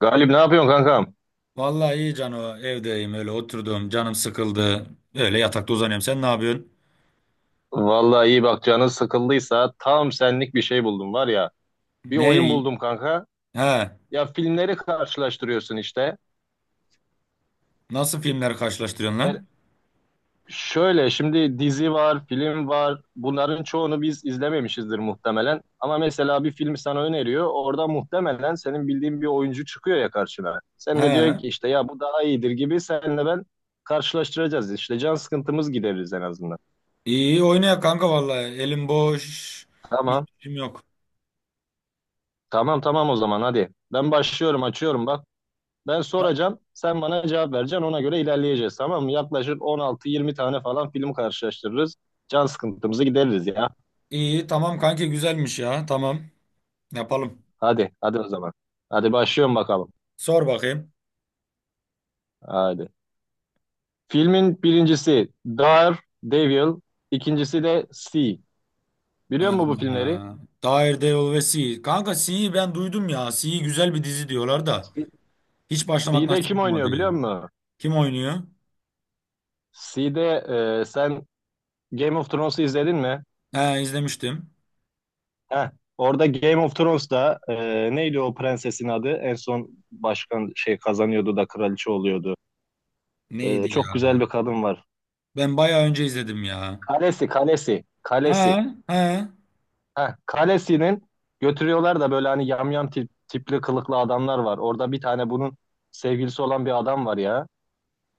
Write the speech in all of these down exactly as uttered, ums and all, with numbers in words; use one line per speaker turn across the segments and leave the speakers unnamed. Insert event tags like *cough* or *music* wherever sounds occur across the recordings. Galip ne yapıyorsun kankam?
Vallahi iyi Cano, evdeyim, öyle oturdum, canım sıkıldı. Öyle yatakta uzanıyorum. Sen ne yapıyorsun?
Vallahi iyi bak canın sıkıldıysa tam senlik bir şey buldum var ya. Bir
Ne?
oyun buldum kanka.
He.
Ya filmleri karşılaştırıyorsun işte.
Nasıl filmler karşılaştırıyorsun
Yani
lan?
şöyle şimdi dizi var, film var. Bunların çoğunu biz izlememişizdir muhtemelen. Ama mesela bir film sana öneriyor. Orada muhtemelen senin bildiğin bir oyuncu çıkıyor ya karşına. Sen de diyor
He.
ki işte ya bu daha iyidir gibi senle ben karşılaştıracağız. İşte can sıkıntımız gideririz en azından.
İyi oynayak kanka vallahi. Elim boş. Hiç
Tamam.
işim yok.
Tamam tamam o zaman hadi. Ben başlıyorum açıyorum bak. Ben soracağım, sen bana cevap vereceksin. Ona göre ilerleyeceğiz, tamam mı? Yaklaşık on altı, yirmi tane falan film karşılaştırırız. Can sıkıntımızı gideririz ya.
İyi tamam kanki, güzelmiş ya. Tamam. Yapalım.
Hadi, hadi o zaman. Hadi başlıyorum bakalım.
Sor bakayım.
Hadi. Filmin birincisi Dar Devil, ikincisi de C. Biliyor musun
Ee,
bu filmleri?
Daredevil ve C. Kanka C'yi ben duydum ya. C güzel bir dizi diyorlar da.
C
Hiç başlamak
Sea'de
nasip
kim
olmadı
oynuyor
ya.
biliyor musun?
Kim oynuyor?
Sea'de e, sen Game of Thrones'u izledin mi?
He, izlemiştim.
Heh. Orada Game of Thrones'da e, neydi o prensesin adı? En son başkan şey kazanıyordu da kraliçe oluyordu. Ee,
Neydi ya?
çok güzel bir kadın var.
Ben bayağı önce izledim ya.
Kalesi, kalesi,
Ha
kalesi.
ha.
Heh, kalesinin götürüyorlar da böyle hani yamyam tip, tipli kılıklı adamlar var. Orada bir tane bunun sevgilisi olan bir adam var ya.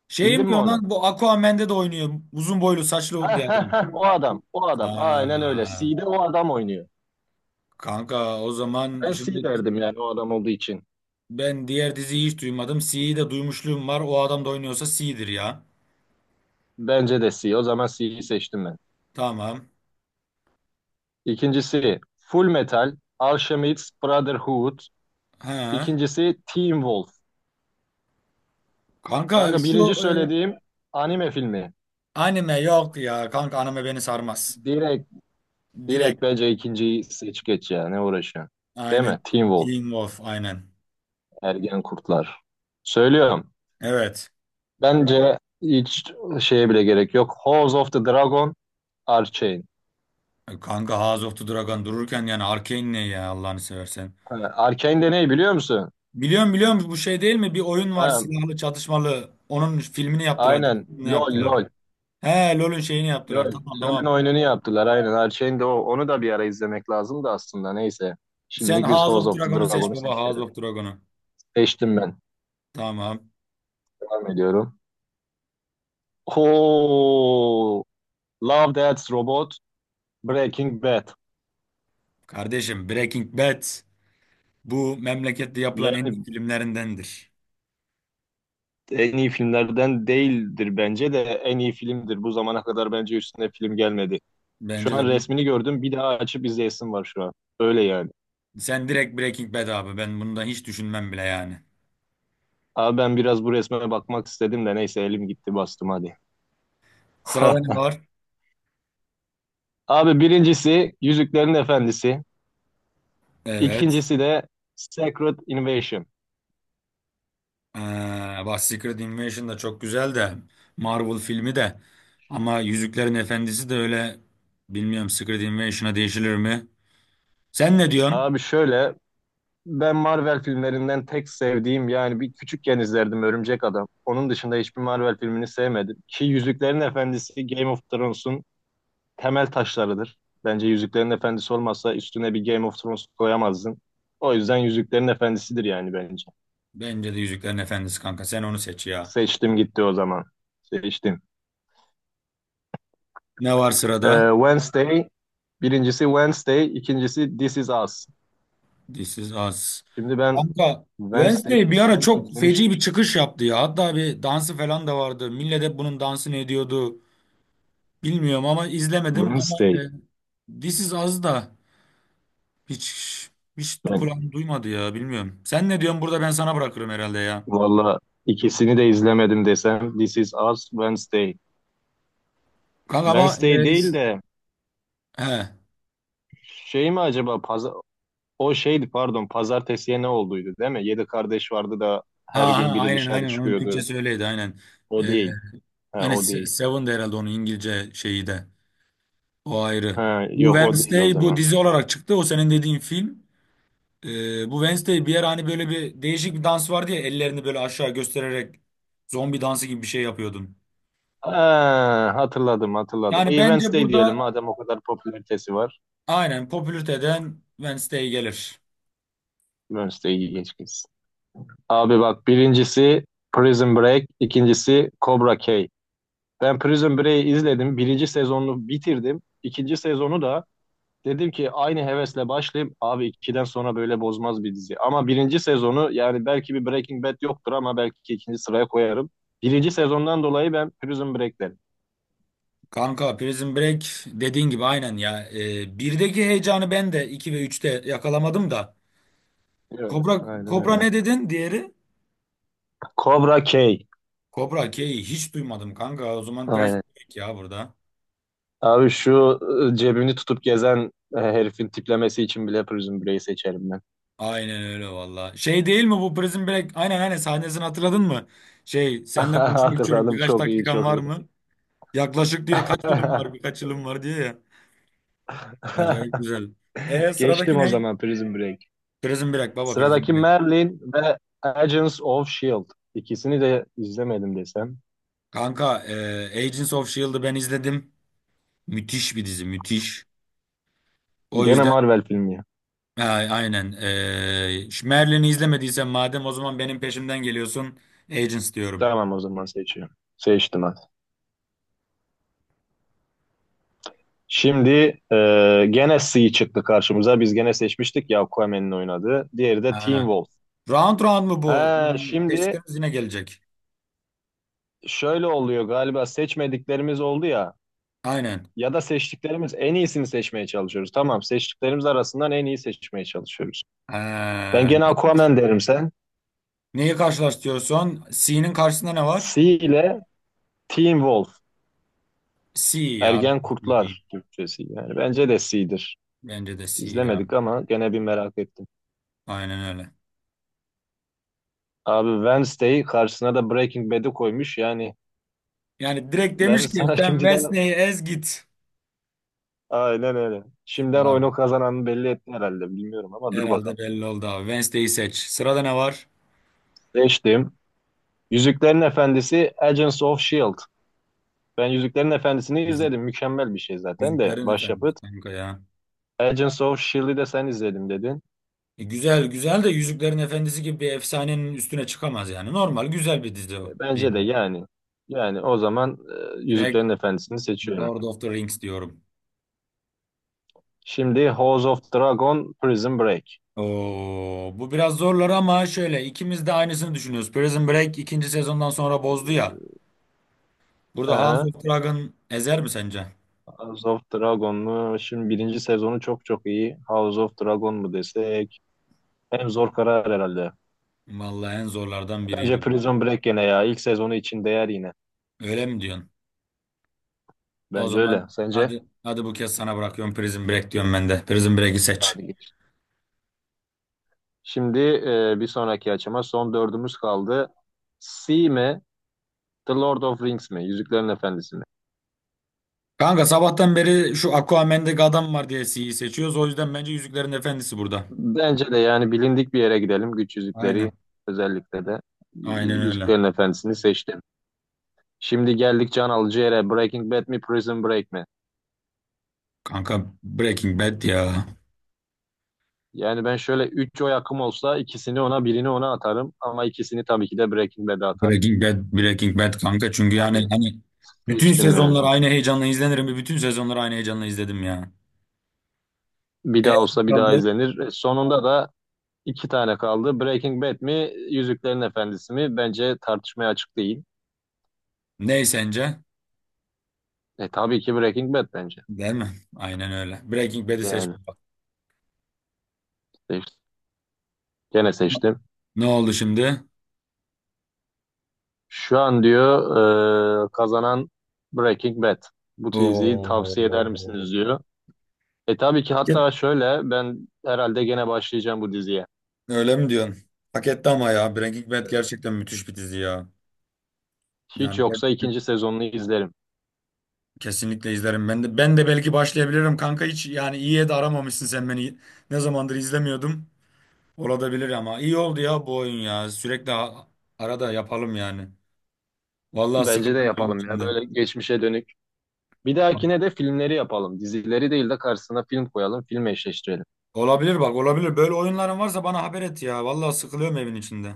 Şey mi
Bildin mi
diyor
onu?
lan, bu Aquaman'de de oynuyor. Uzun boylu saçlı
Heh,
bir
heh,
adam.
heh, o adam, o adam. Aynen öyle.
Aa,
C'de o adam oynuyor.
kanka o zaman
Ben C
şimdi
derdim yani o adam olduğu için.
ben diğer diziyi hiç duymadım. C'yi de duymuşluğum var. O adam da oynuyorsa C'dir ya.
Bence de C. O zaman C'yi seçtim ben.
Tamam.
İkincisi Full Metal, Alchemist Brotherhood.
Ha.
İkincisi Teen Wolf.
Kanka
Kanka
şu
birinci
e,
söylediğim anime filmi.
anime yok ya. Kanka anime beni sarmaz.
Direkt Direkt
Direkt
bence ikinciyi seç geç ya. Ne uğraşıyorsun? Değil
aynen.
mi? Teen Wolf.
Teen Wolf aynen.
Ergen Kurtlar. Söylüyorum.
Evet.
Bence hiç şeye bile gerek yok. House of the Dragon. Arcane.
E, kanka House of the Dragon dururken yani Arcane ne ya Allah'ını seversen.
Ha, Arcane de ne biliyor musun?
Biliyorum biliyorum, bu şey değil mi? Bir oyun var
Ha,
silahlı çatışmalı. Onun filmini yaptılar.
aynen.
Ne
LOL
yaptılar?
LOL.
He, LoL'ün şeyini
LOL.
yaptılar. Tamam
L O L'ün
tamam.
oyununu yaptılar. Aynen. Arcane de o. Onu da bir ara izlemek lazım da aslında. Neyse.
Sen
Şimdilik biz
House
House
of
of the
Dragon'u seç
Dragon'u
baba. House
seçelim.
of Dragon'u.
Seçtim ben.
Tamam.
Devam ediyorum. Oo, Love Death Robot. Breaking Bad.
Kardeşim Breaking Bad bu memlekette yapılan en
Yani
iyi filmlerindendir.
en iyi filmlerden değildir bence de en iyi filmdir. Bu zamana kadar bence üstüne film gelmedi. Şu
Bence
an
de bu.
resmini gördüm bir daha açıp izleyesim var şu an. Öyle yani.
Sen direkt Breaking Bad abi. Ben bundan hiç düşünmem bile yani.
Abi ben biraz bu resme bakmak istedim de neyse elim gitti bastım hadi.
Sırada ne
*laughs*
var?
Abi birincisi Yüzüklerin Efendisi.
Evet.
İkincisi de Secret Invasion.
Ee, bak Secret Invasion da çok güzel de Marvel filmi de, ama Yüzüklerin Efendisi de öyle, bilmiyorum Secret Invasion'a değişilir mi? Sen ne diyorsun?
Abi şöyle ben Marvel filmlerinden tek sevdiğim yani bir küçükken izlerdim Örümcek Adam. Onun dışında hiçbir Marvel filmini sevmedim. Ki Yüzüklerin Efendisi Game of Thrones'un temel taşlarıdır. Bence Yüzüklerin Efendisi olmazsa üstüne bir Game of Thrones koyamazdın. O yüzden Yüzüklerin Efendisi'dir yani bence.
Bence de Yüzüklerin Efendisi kanka, sen onu seç ya.
Seçtim gitti o zaman. Seçtim.
Ne var
Ee,
sırada?
Wednesday, birincisi Wednesday, ikincisi This Is Us.
This is Us.
Şimdi ben
Kanka Wednesday
Wednesday'i
bir ara
sanki
çok
izlemiştim.
feci bir çıkış yaptı ya. Hatta bir dansı falan da vardı. Millet hep bunun dansını ediyordu. Bilmiyorum ama izlemedim, ama e,
Wednesday.
This is Us da. Hiç hiç
Ben
kulağım duymadı ya, bilmiyorum. Sen ne diyorsun burada, ben sana bırakırım herhalde ya.
valla ikisini de izlemedim desem This Is Us, Wednesday.
Kanka ama
Wednesday
e, ş-
değil de
he. Ha,
şey mi acaba Paz O şeydi pardon pazartesiye ne olduydu değil mi? Yedi kardeş vardı da her
ha
gün biri
aynen
dışarı
aynen, onun
çıkıyordu.
Türkçesi öyleydi aynen.
O
E,
değil. Ha,
hani
o
Se-
değil.
Seven de herhalde onun İngilizce şeyi de. O ayrı.
Ha,
Bu
yok o değil o
Wednesday bu
zaman.
dizi olarak çıktı. O senin dediğin film. E, bu Wednesday bir yer, hani böyle bir değişik bir dans vardı ya, ellerini böyle aşağı göstererek zombi dansı gibi bir şey yapıyordun.
Ha, hatırladım hatırladım.
Yani
İyi
bence
Wednesday diyelim
burada
madem o kadar popülaritesi var.
aynen popülariteden Wednesday gelir.
Wednesday'i geç gitsin. Abi bak birincisi Prison Break, ikincisi Cobra Kai. Ben Prison Break'i izledim. Birinci sezonunu bitirdim. İkinci sezonu da Dedim ki aynı hevesle başlayayım. Abi ikiden sonra böyle bozmaz bir dizi. Ama birinci sezonu yani belki bir Breaking Bad yoktur ama belki ikinci sıraya koyarım. Birinci sezondan dolayı ben Prison Break derim.
Kanka Prison Break dediğin gibi aynen ya. Ee, birdeki heyecanı ben de iki ve üçte yakalamadım da.
Evet,
Kobra,
Aynen
Kobra
öyle.
ne dedin diğeri?
Cobra K.
Kobra K'yi hiç duymadım kanka. O zaman
Aynen.
Prison Break ya burada.
Abi şu e, cebini tutup gezen e, herifin tiplemesi için bile Prison Break'i seçerim ben.
Aynen öyle valla. Şey değil mi bu Prison Break? Aynen aynen, sahnesini hatırladın mı? Şey,
*laughs*
seninle konuşmak istiyorum,
Hatırladım
birkaç
çok iyi
dakikan
çok
var
iyi.
mı? Yaklaşık diyor, kaç yılım var,
*laughs*
birkaç yılım var diyor ya. Acayip güzel. E
Geçtim
sıradaki
o
ne?
zaman Prison Break.
Prison Break baba, Prison
Sıradaki
Break.
Merlin ve Agents of S H I E L D. İkisini de izlemedim desem.
Kanka e, Agents of S H I E L D'ı ben izledim. Müthiş bir dizi, müthiş. O
Gene
yüzden
Marvel filmi ya.
a- aynen. Ee, şu Merlin'i izlemediysen madem, o zaman benim peşimden geliyorsun. Agents diyorum.
Tamam o zaman seçiyorum. Seçtim hadi. Şimdi e, gene C çıktı karşımıza. Biz gene seçmiştik ya Aquaman'in oynadığı. Diğeri de Teen
Ha.
Wolf.
Round round mu bu?
Ha
Yani
şimdi
seçtiklerimiz yine gelecek.
şöyle oluyor galiba seçmediklerimiz oldu ya.
Aynen.
Ya da seçtiklerimiz en iyisini seçmeye çalışıyoruz. Tamam seçtiklerimiz arasından en iyi seçmeye çalışıyoruz. Ben
Ha.
gene
Neyi karş-
Aquaman derim sen.
neyi karşılaştırıyorsun? C'nin karşısında ne var?
C ile Teen Wolf.
C ya.
Ergen
C diyeyim.
Kurtlar Türkçesi. Yani bence de C'dir.
Bence de C ya.
İzlemedik ama gene bir merak ettim.
Aynen öyle.
Abi Wednesday'i karşısına da Breaking Bad'i koymuş. Yani
Yani direkt
ben
demiş ki
sana *laughs*
sen
şimdiden
Wednesday'i ez git.
aynen öyle. Şimdiden
Abi,
oyunu kazananı belli etti herhalde. Bilmiyorum ama dur bakalım.
herhalde belli oldu abi. Wednesday'i seç. Sırada ne var?
Seçtim. Yüzüklerin Efendisi Agents of Shield. Ben Yüzüklerin Efendisi'ni izledim. Mükemmel bir şey zaten de
Yüzüklerin Efendisi
başyapıt.
kanka ya.
Agents of Shield'i de sen izledim dedin.
E, güzel güzel de, Yüzüklerin Efendisi gibi bir efsanenin üstüne çıkamaz yani. Normal güzel bir dizi
E,
o.
Bence
Değil.
de yani. Yani o zaman e,
Direkt
Yüzüklerin Efendisi'ni seçiyorum.
Lord of the Rings diyorum.
Şimdi House of Dragon Prison Break.
Oo, bu biraz zorlar ama şöyle, ikimiz de aynısını düşünüyoruz. Prison Break ikinci sezondan sonra bozdu ya.
Hı
Burada House
hı.
of Dragon ezer mi sence?
House of Dragon mu? Şimdi birinci sezonu çok çok iyi. House of Dragon mu desek? En zor karar herhalde.
Vallahi en zorlardan
Bence
biriydi bu.
Prison Break gene ya. İlk sezonu için değer yine.
Öyle mi diyorsun? O
Bence öyle.
zaman
Sence?
hadi hadi, bu kez sana bırakıyorum, Prison Break diyorum ben de. Prison Break'i seç.
Hadi geç. Şimdi e, bir sonraki açıma son dördümüz kaldı. Sea mi? The Lord of Rings mi? Yüzüklerin Efendisi mi?
Kanka sabahtan beri şu Aquaman'deki adam var diye C'yi seçiyoruz. O yüzden bence Yüzüklerin Efendisi burada.
Bence de yani bilindik bir yere gidelim. Güç yüzükleri
Aynen.
özellikle de.
Aynen öyle.
Yüzüklerin Efendisi'ni seçtim. Şimdi geldik can alıcı yere. Breaking Bad mi? Prison Break mi?
Kanka Breaking Bad ya.
Yani ben şöyle üç oy hakkım olsa ikisini ona birini ona atarım ama ikisini tabii ki de Breaking Bad'e atarım.
Breaking Bad, Breaking Bad kanka. Çünkü yani
Tabii.
hani bütün
Değiştim yani.
sezonlar aynı heyecanla izlenirim. Ve Bütün sezonları aynı heyecanla izledim ya.
Bir
E
daha olsa bir daha
kaldı.
izlenir. E, Sonunda da iki tane kaldı. Breaking Bad mi, Yüzüklerin Efendisi mi? Bence tartışmaya açık değil.
Ne sence?
E tabii ki Breaking Bad bence.
Değil mi? Aynen öyle. Breaking Bad'i seç.
Yani seçtim. Gene seçtim.
Ne oldu şimdi?
Şu an diyor e, kazanan Breaking Bad. Bu diziyi tavsiye eder
Oo.
misiniz diyor. E tabii ki hatta şöyle ben herhalde gene başlayacağım bu diziye.
Öyle mi diyorsun? Hak etti ama ya. Breaking Bad
E,
gerçekten müthiş bir dizi ya.
Hiç
Yani
yoksa
gerçekten.
ikinci sezonunu izlerim.
Kesinlikle izlerim. Ben de ben de belki başlayabilirim kanka, hiç yani iyiye de aramamışsın sen beni. Ne zamandır izlemiyordum. Olabilir, ama iyi oldu ya bu oyun ya. Sürekli a- arada yapalım yani. Vallahi
Bence de
sıkıldım evin
yapalım ya
içinde.
böyle geçmişe dönük. Bir dahakine de filmleri yapalım. Dizileri değil de karşısına film koyalım, film eşleştirelim.
Olabilir bak olabilir. Böyle oyunların varsa bana haber et ya. Vallahi sıkılıyorum evin içinde.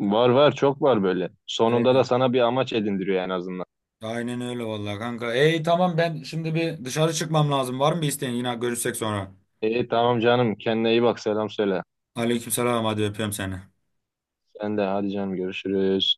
Var var çok var böyle.
Evet.
Sonunda da sana bir amaç edindiriyor en azından.
Aynen öyle vallahi kanka. Ey tamam, ben şimdi bir dışarı çıkmam lazım. Var mı bir isteğin? Yine görüşsek sonra.
İyi tamam canım kendine iyi bak selam söyle.
Aleykümselam, hadi öpüyorum seni.
Sen de hadi canım görüşürüz.